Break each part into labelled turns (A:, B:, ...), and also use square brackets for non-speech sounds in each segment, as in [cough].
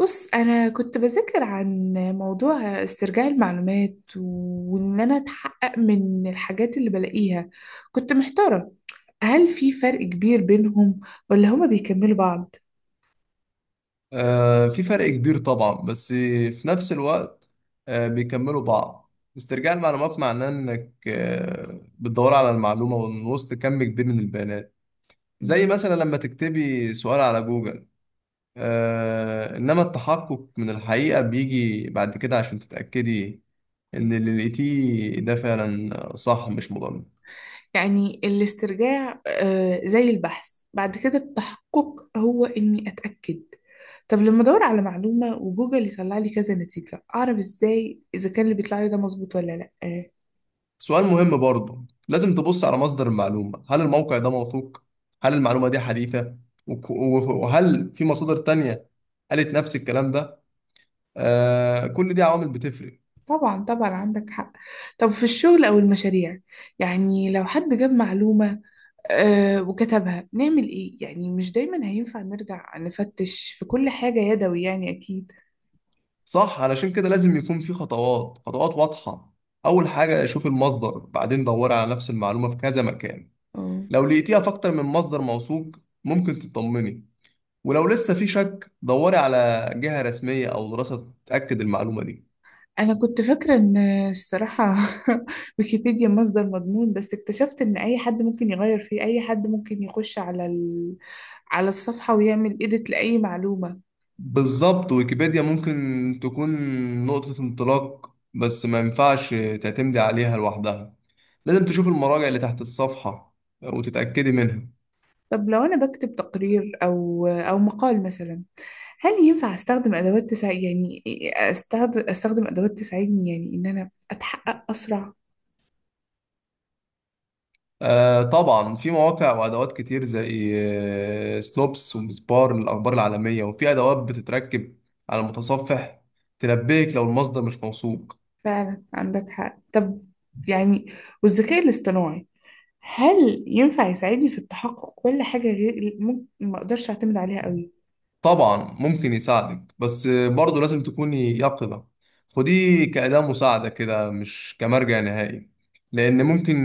A: بص، أنا كنت بذاكر عن موضوع استرجاع المعلومات وإن أنا أتحقق من الحاجات اللي بلاقيها. كنت محتارة، هل في فرق كبير بينهم ولا هما بيكملوا بعض؟
B: في فرق كبير طبعا، بس في نفس الوقت بيكملوا بعض. استرجاع المعلومات معناه انك بتدور على المعلومة من وسط كم كبير من البيانات، زي
A: مم.
B: مثلا لما تكتبي سؤال على جوجل. انما التحقق من الحقيقة بيجي بعد كده عشان تتأكدي ان اللي لقيتيه ده فعلا صح، مش مضمون.
A: يعني الاسترجاع آه زي البحث، بعد كده التحقق هو إني أتأكد. طب لما أدور على معلومة وجوجل يطلع لي كذا نتيجة، أعرف إزاي إذا كان اللي بيطلع لي ده مظبوط ولا لأ؟
B: سؤال مهم برضه، لازم تبص على مصدر المعلومة. هل الموقع ده موثوق؟ هل المعلومة دي حديثة؟ وهل في مصادر تانية قالت نفس الكلام ده؟ آه، كل دي عوامل بتفرق.
A: طبعا طبعا، عندك حق. طب في الشغل أو المشاريع، يعني لو حد جاب معلومة وكتبها، نعمل إيه؟ يعني مش دايما هينفع نرجع نفتش في كل حاجة يدوي، يعني أكيد.
B: صح، علشان كده لازم يكون في خطوات واضحة. أول حاجة شوف المصدر، بعدين دور على نفس المعلومة في كذا مكان.
A: اه،
B: لو لقيتيها في أكتر من مصدر موثوق، ممكن تطمني. ولو لسه في شك، دوري على جهة رسمية أو دراسة تأكد المعلومة دي.
A: أنا كنت فاكرة إن، الصراحة، [laughs] ويكيبيديا مصدر مضمون، بس اكتشفت إن أي حد ممكن يغير فيه، أي حد ممكن يخش على على الصفحة ويعمل إيديت لأي معلومة.
B: بالظبط، ويكيبيديا ممكن تكون نقطة انطلاق، بس ما ينفعش تعتمدي عليها لوحدها. لازم تشوف المراجع اللي تحت الصفحة وتتأكدي منها.
A: طب لو أنا بكتب تقرير أو مقال مثلا، هل ينفع استخدم ادوات تساعد؟ يعني استخدم ادوات تساعدني يعني ان انا اتحقق اسرع.
B: آه طبعا، في مواقع وأدوات كتير، زي سنوبس ومسبار للأخبار العالمية، وفي أدوات بتتركب على المتصفح تنبهك لو المصدر مش موثوق.
A: فعلا عندك حق. طب يعني، والذكاء الاصطناعي، هل ينفع يساعدني في التحقق، ولا حاجة غير ممكن ما اقدرش اعتمد عليها قوي؟
B: طبعا ممكن يساعدك، بس برضه لازم تكوني يقظة. خديه كأداة مساعدة كده، مش كمرجع نهائي، لأن ممكن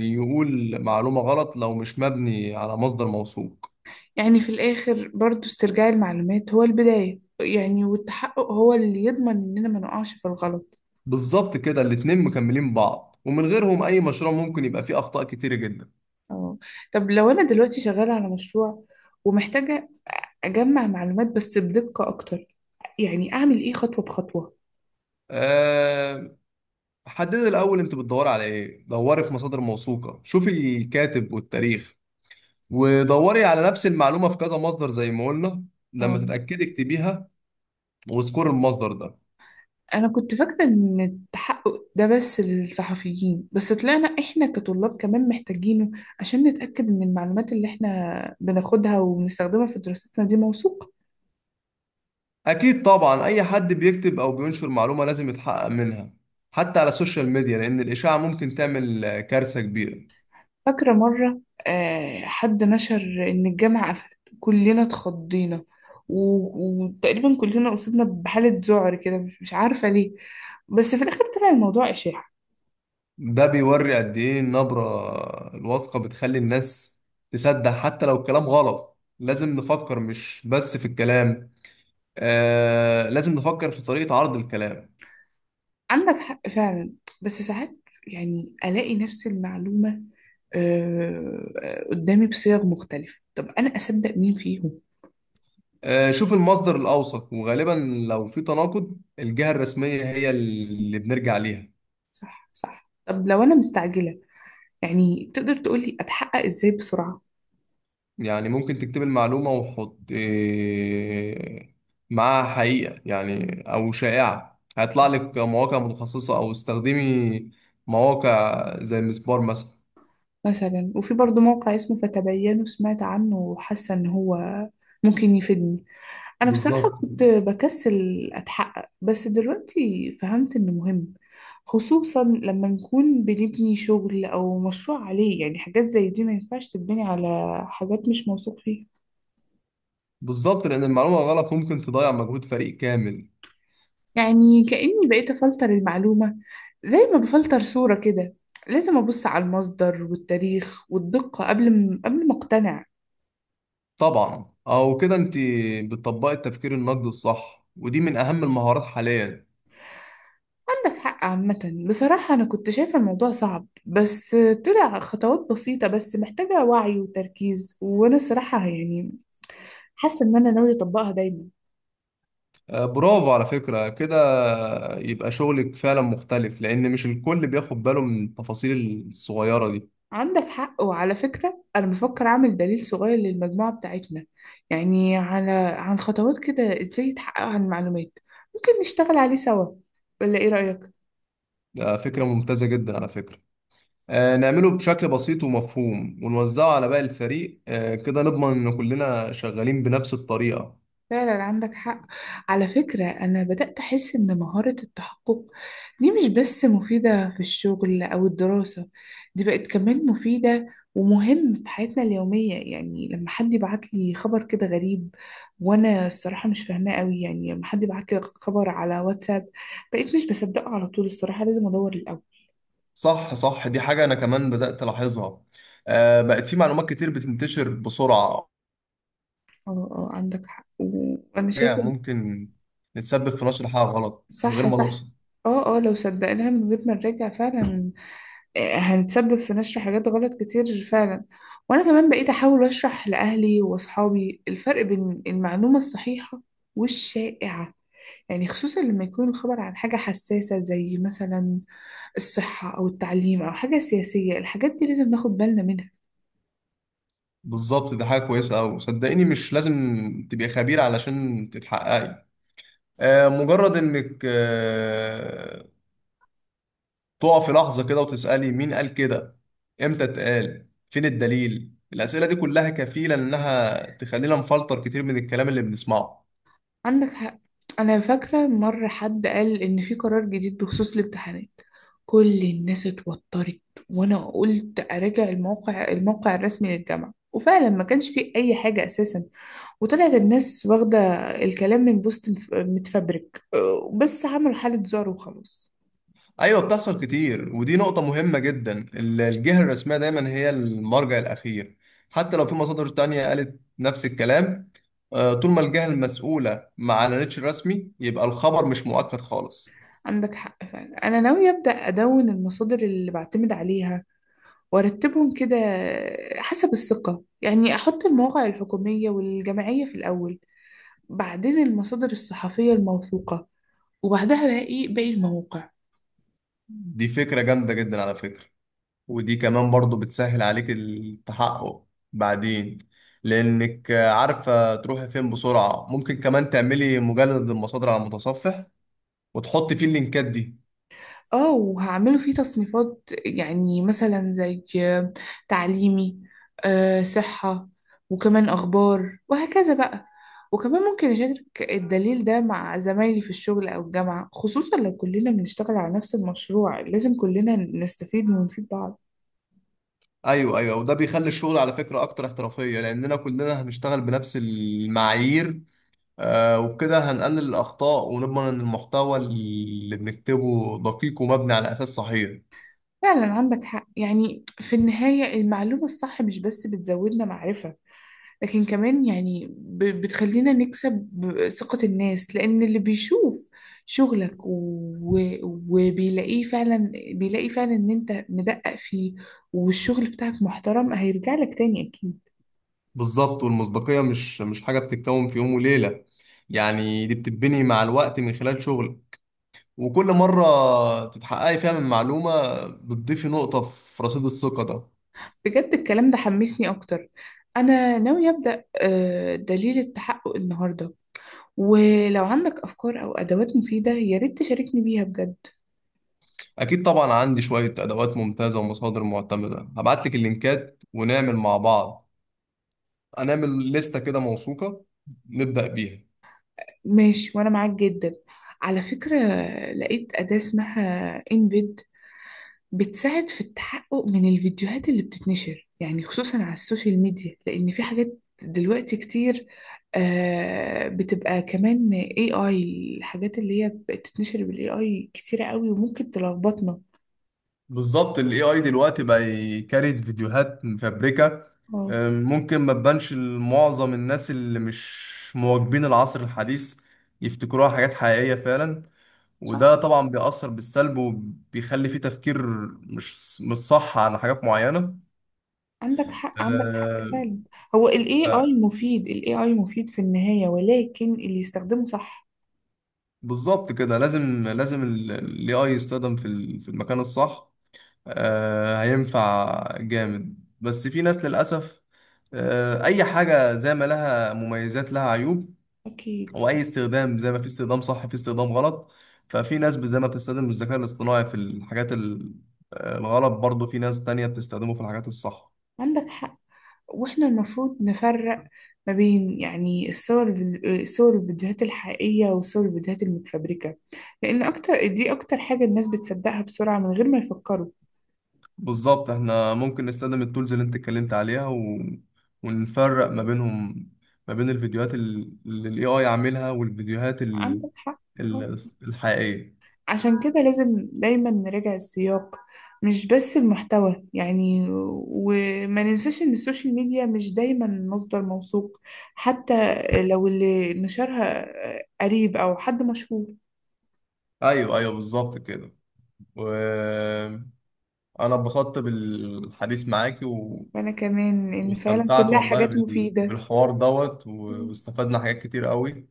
B: يقول معلومة غلط لو مش مبني على مصدر موثوق.
A: يعني في الاخر برضو استرجاع المعلومات هو البداية يعني، والتحقق هو اللي يضمن اننا ما نقعش في الغلط.
B: بالظبط كده، الاتنين مكملين بعض، ومن غيرهم أي مشروع ممكن يبقى فيه أخطاء كتير جدا.
A: اه. طب لو انا دلوقتي شغالة على مشروع ومحتاجة أجمع معلومات بس بدقة أكتر، يعني أعمل إيه خطوة بخطوة؟
B: أه، حددي الأول أنت بتدوري على إيه، دوري في مصادر موثوقة، شوفي الكاتب والتاريخ، ودوري على نفس المعلومة في كذا مصدر زي ما قلنا. لما
A: اه.
B: تتأكدي اكتبيها وذكور المصدر ده.
A: أنا كنت فاكرة إن التحقق ده بس للصحفيين، بس طلعنا إحنا كطلاب كمان محتاجينه، عشان نتأكد إن المعلومات اللي إحنا بناخدها وبنستخدمها في دراستنا دي موثوقة.
B: اكيد طبعا، اي حد بيكتب او بينشر معلومة لازم يتحقق منها، حتى على السوشيال ميديا، لان الاشاعة ممكن تعمل كارثة كبيرة.
A: فاكرة مرة آه حد نشر إن الجامعة قفلت، كلنا اتخضينا، وتقريبا كلنا أصبنا بحالة ذعر كده، مش عارفة ليه. بس في الآخر طلع الموضوع إشاعة.
B: ده بيوري قد ايه النبرة الواثقة بتخلي الناس تصدق حتى لو الكلام غلط. لازم نفكر مش بس في الكلام، آه، لازم نفكر في طريقة عرض الكلام.
A: عندك حق فعلا. بس ساعات يعني ألاقي نفس المعلومة، قدامي بصيغ مختلفة، طب أنا أصدق مين فيهم؟
B: آه، شوف المصدر الأوثق، وغالبا لو في تناقض الجهة الرسمية هي اللي بنرجع ليها.
A: صح صح. طب لو أنا مستعجلة، يعني تقدر تقولي أتحقق إزاي بسرعة؟
B: يعني ممكن تكتب المعلومة وحط معاها حقيقة يعني أو شائعة، هيطلع لك مواقع متخصصة، أو استخدمي مواقع زي مسبار مثلا.
A: مثلا، وفي برضو موقع اسمه فتبينوا، سمعت عنه وحاسة إن هو ممكن يفيدني. انا بصراحة
B: بالظبط.
A: كنت بكسل اتحقق، بس دلوقتي فهمت انه مهم، خصوصا لما نكون بنبني شغل او مشروع عليه. يعني حاجات زي دي ما ينفعش تتبني على حاجات مش موثوق فيها.
B: بالظبط، لأن المعلومة غلط ممكن تضيع مجهود فريق كامل.
A: يعني كأني بقيت افلتر المعلومة زي ما بفلتر صورة كده، لازم ابص على المصدر والتاريخ والدقة قبل ما اقتنع.
B: طبعا، أو كده أنت بتطبقي التفكير النقدي الصح، ودي من أهم المهارات حاليا.
A: عندك حق. عامة بصراحة أنا كنت شايفة الموضوع صعب، بس طلع خطوات بسيطة، بس محتاجة وعي وتركيز، وأنا الصراحة يعني حاسة إن أنا ناوية أطبقها دايما.
B: برافو على فكرة كده، يبقى شغلك فعلا مختلف، لأن مش الكل بياخد باله من التفاصيل الصغيرة دي.
A: عندك حق. وعلى فكرة أنا بفكر أعمل دليل صغير للمجموعة بتاعتنا، يعني على، عن خطوات كده إزاي يتحقق عن المعلومات، ممكن نشتغل عليه سوا، ولا إيه رأيك؟
B: ده فكرة ممتازة جدا على فكرة. آه، نعمله بشكل بسيط ومفهوم ونوزعه على باقي الفريق، آه كده نضمن إن كلنا شغالين بنفس الطريقة.
A: فعلا عندك حق. على فكرة أنا بدأت أحس إن مهارة التحقق دي مش بس مفيدة في الشغل أو الدراسة، دي بقت كمان مفيدة ومهم في حياتنا اليومية، يعني لما حد يبعت لي خبر كده غريب وأنا الصراحة مش فاهماه قوي، يعني لما حد يبعت لي خبر على واتساب بقيت مش بصدقه على طول، الصراحة لازم أدور الأول.
B: صح، صح، دي حاجة أنا كمان بدأت ألاحظها. آه، بقت في معلومات كتير بتنتشر بسرعة.
A: اه اه عندك حق. وأنا
B: حاجة
A: شايفة
B: ممكن نتسبب في نشر حاجة غلط من غير
A: صح
B: ما
A: صح،
B: نقصد.
A: اه اه، لو صدقناها من غير ما نراجع، فعلا هنتسبب في نشر حاجات غلط كتير فعلا. وانا كمان بقيت احاول اشرح لاهلي واصحابي الفرق بين المعلومة الصحيحة والشائعة، يعني خصوصا لما يكون الخبر عن حاجة حساسة زي مثلا الصحة او التعليم او حاجة سياسية، الحاجات دي لازم ناخد بالنا منها.
B: بالظبط، دي حاجة كويسة أوي. صدقيني مش لازم تبقي خبير علشان تتحققي. مجرد انك تقف في لحظة كده وتسألي مين قال كده، امتى اتقال، فين الدليل. الأسئلة دي كلها كفيلة إنها تخلينا نفلتر كتير من الكلام اللي بنسمعه.
A: عندك حق. انا فاكرة مرة حد قال ان في قرار جديد بخصوص الامتحانات، كل الناس اتوترت، وانا قلت اراجع الموقع الرسمي للجامعة، وفعلا ما كانش فيه اي حاجة اساسا، وطلعت الناس واخدة الكلام من بوست متفبرك، أه، بس عملوا حالة ذعر وخلاص.
B: أيوة، بتحصل كتير، ودي نقطة مهمة جدا. الجهة الرسمية دايما هي المرجع الأخير، حتى لو في مصادر تانية قالت نفس الكلام. طول ما الجهة المسؤولة ما أعلنتش رسمي، يبقى الخبر مش مؤكد خالص.
A: عندك حق فعلا. أنا ناوية أبدأ أدون المصادر اللي بعتمد عليها وأرتبهم كده حسب الثقة، يعني أحط المواقع الحكومية والجمعية في الأول، بعدين المصادر الصحفية الموثوقة، وبعدها باقي المواقع.
B: دي فكرة جامدة جدا على فكرة. ودي كمان برضو بتسهل عليك التحقق بعدين، لأنك عارفة تروحي فين بسرعة. ممكن كمان تعملي مجلد للمصادر على المتصفح وتحطي فيه اللينكات دي.
A: اه وهعمله فيه تصنيفات يعني مثلا زي تعليمي، آه، صحة، وكمان أخبار وهكذا بقى. وكمان ممكن أشارك الدليل ده مع زمايلي في الشغل أو الجامعة، خصوصا لو كلنا بنشتغل على نفس المشروع لازم كلنا نستفيد ونفيد بعض.
B: أيوة، أيوة، وده بيخلي الشغل على فكرة أكتر احترافية، لأننا كلنا هنشتغل بنفس المعايير. آه، وبكده هنقلل الأخطاء ونضمن إن المحتوى اللي بنكتبه دقيق ومبني على أساس صحيح.
A: فعلا عندك حق، يعني في النهاية المعلومة الصح مش بس بتزودنا معرفة، لكن كمان يعني بتخلينا نكسب ثقة الناس، لأن اللي بيشوف شغلك وبيلاقيه فعلا بيلاقي فعلا إن أنت مدقق فيه والشغل بتاعك محترم، هيرجع لك تاني أكيد.
B: بالظبط، والمصداقية مش حاجة بتتكون في يوم وليلة. يعني دي بتتبني مع الوقت من خلال شغل، وكل مرة تتحققي فيها من معلومة بتضيفي نقطة في رصيد الثقة ده.
A: بجد الكلام ده حمسني أكتر، أنا ناوية أبدأ دليل التحقق النهاردة، ولو عندك أفكار أو أدوات مفيدة يا ريت تشاركني بيها بجد.
B: أكيد طبعا، عندي شوية أدوات ممتازة ومصادر معتمدة. هبعتلك اللينكات ونعمل مع بعض. هنعمل لستة كده موثوقة نبدأ بيها.
A: ماشي وأنا معاك جدا. على فكرة لقيت أداة اسمها إنفيد، بتساعد في التحقق من الفيديوهات اللي بتتنشر، يعني خصوصا على السوشيال ميديا، لأن في حاجات دلوقتي كتير آه بتبقى كمان AI. الحاجات اللي هي بتتنشر بال AI كتيرة قوي وممكن تلخبطنا.
B: بالظبط، ال AI دلوقتي بقى يكريت فيديوهات مفبركة.
A: اه
B: ممكن ما تبانش لمعظم الناس اللي مش مواكبين العصر الحديث، يفتكروها حاجات حقيقية فعلا. وده
A: صح.
B: طبعا بيأثر بالسلب، وبيخلي فيه تفكير مش صح على حاجات معينة.
A: عندك حق، عندك حق
B: آه،
A: فعلا. هو ال AI
B: ف-
A: مفيد، في النهاية، ولكن اللي يستخدمه صح.
B: بالظبط كده، لازم ال AI يستخدم في في المكان الصح. آه، هينفع جامد، بس في ناس للأسف. آه، أي حاجة زي ما لها مميزات لها عيوب،
A: أكيد.
B: وأي استخدام زي ما في استخدام صح في استخدام غلط. ففي ناس زي ما بتستخدم الذكاء الاصطناعي في آه، الغلط، برضه في ناس تانية بتستخدمه في الحاجات الصح.
A: عندك حق. واحنا المفروض نفرق ما بين يعني الصور الفيديوهات الحقيقية والصور الفيديوهات المتفبركة، لأن أكتر حاجة الناس بتصدقها بسرعة من غير ما يفكروا.
B: بالظبط، احنا ممكن نستخدم التولز اللي انت اتكلمت عليها ونفرق ما بينهم، ما بين اللي الاي اي عاملها، والفيديوهات
A: عندك حق. آه.
B: ال... الحقيقية.
A: عشان كده لازم دايما نراجع السياق، مش بس المحتوى يعني، وما ننساش إن السوشيال ميديا مش دايما مصدر موثوق، حتى لو اللي نشرها قريب أو حد مشهور.
B: ايوه، ايوه، بالظبط كده. وانا اتبسطت بالحديث معاكي
A: وأنا كمان إن فعلا
B: واستمتعت
A: كلها
B: والله
A: حاجات مفيدة.
B: بالحوار دوت واستفدنا حاجات كتير قوي،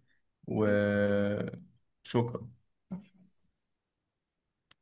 B: وشكرا.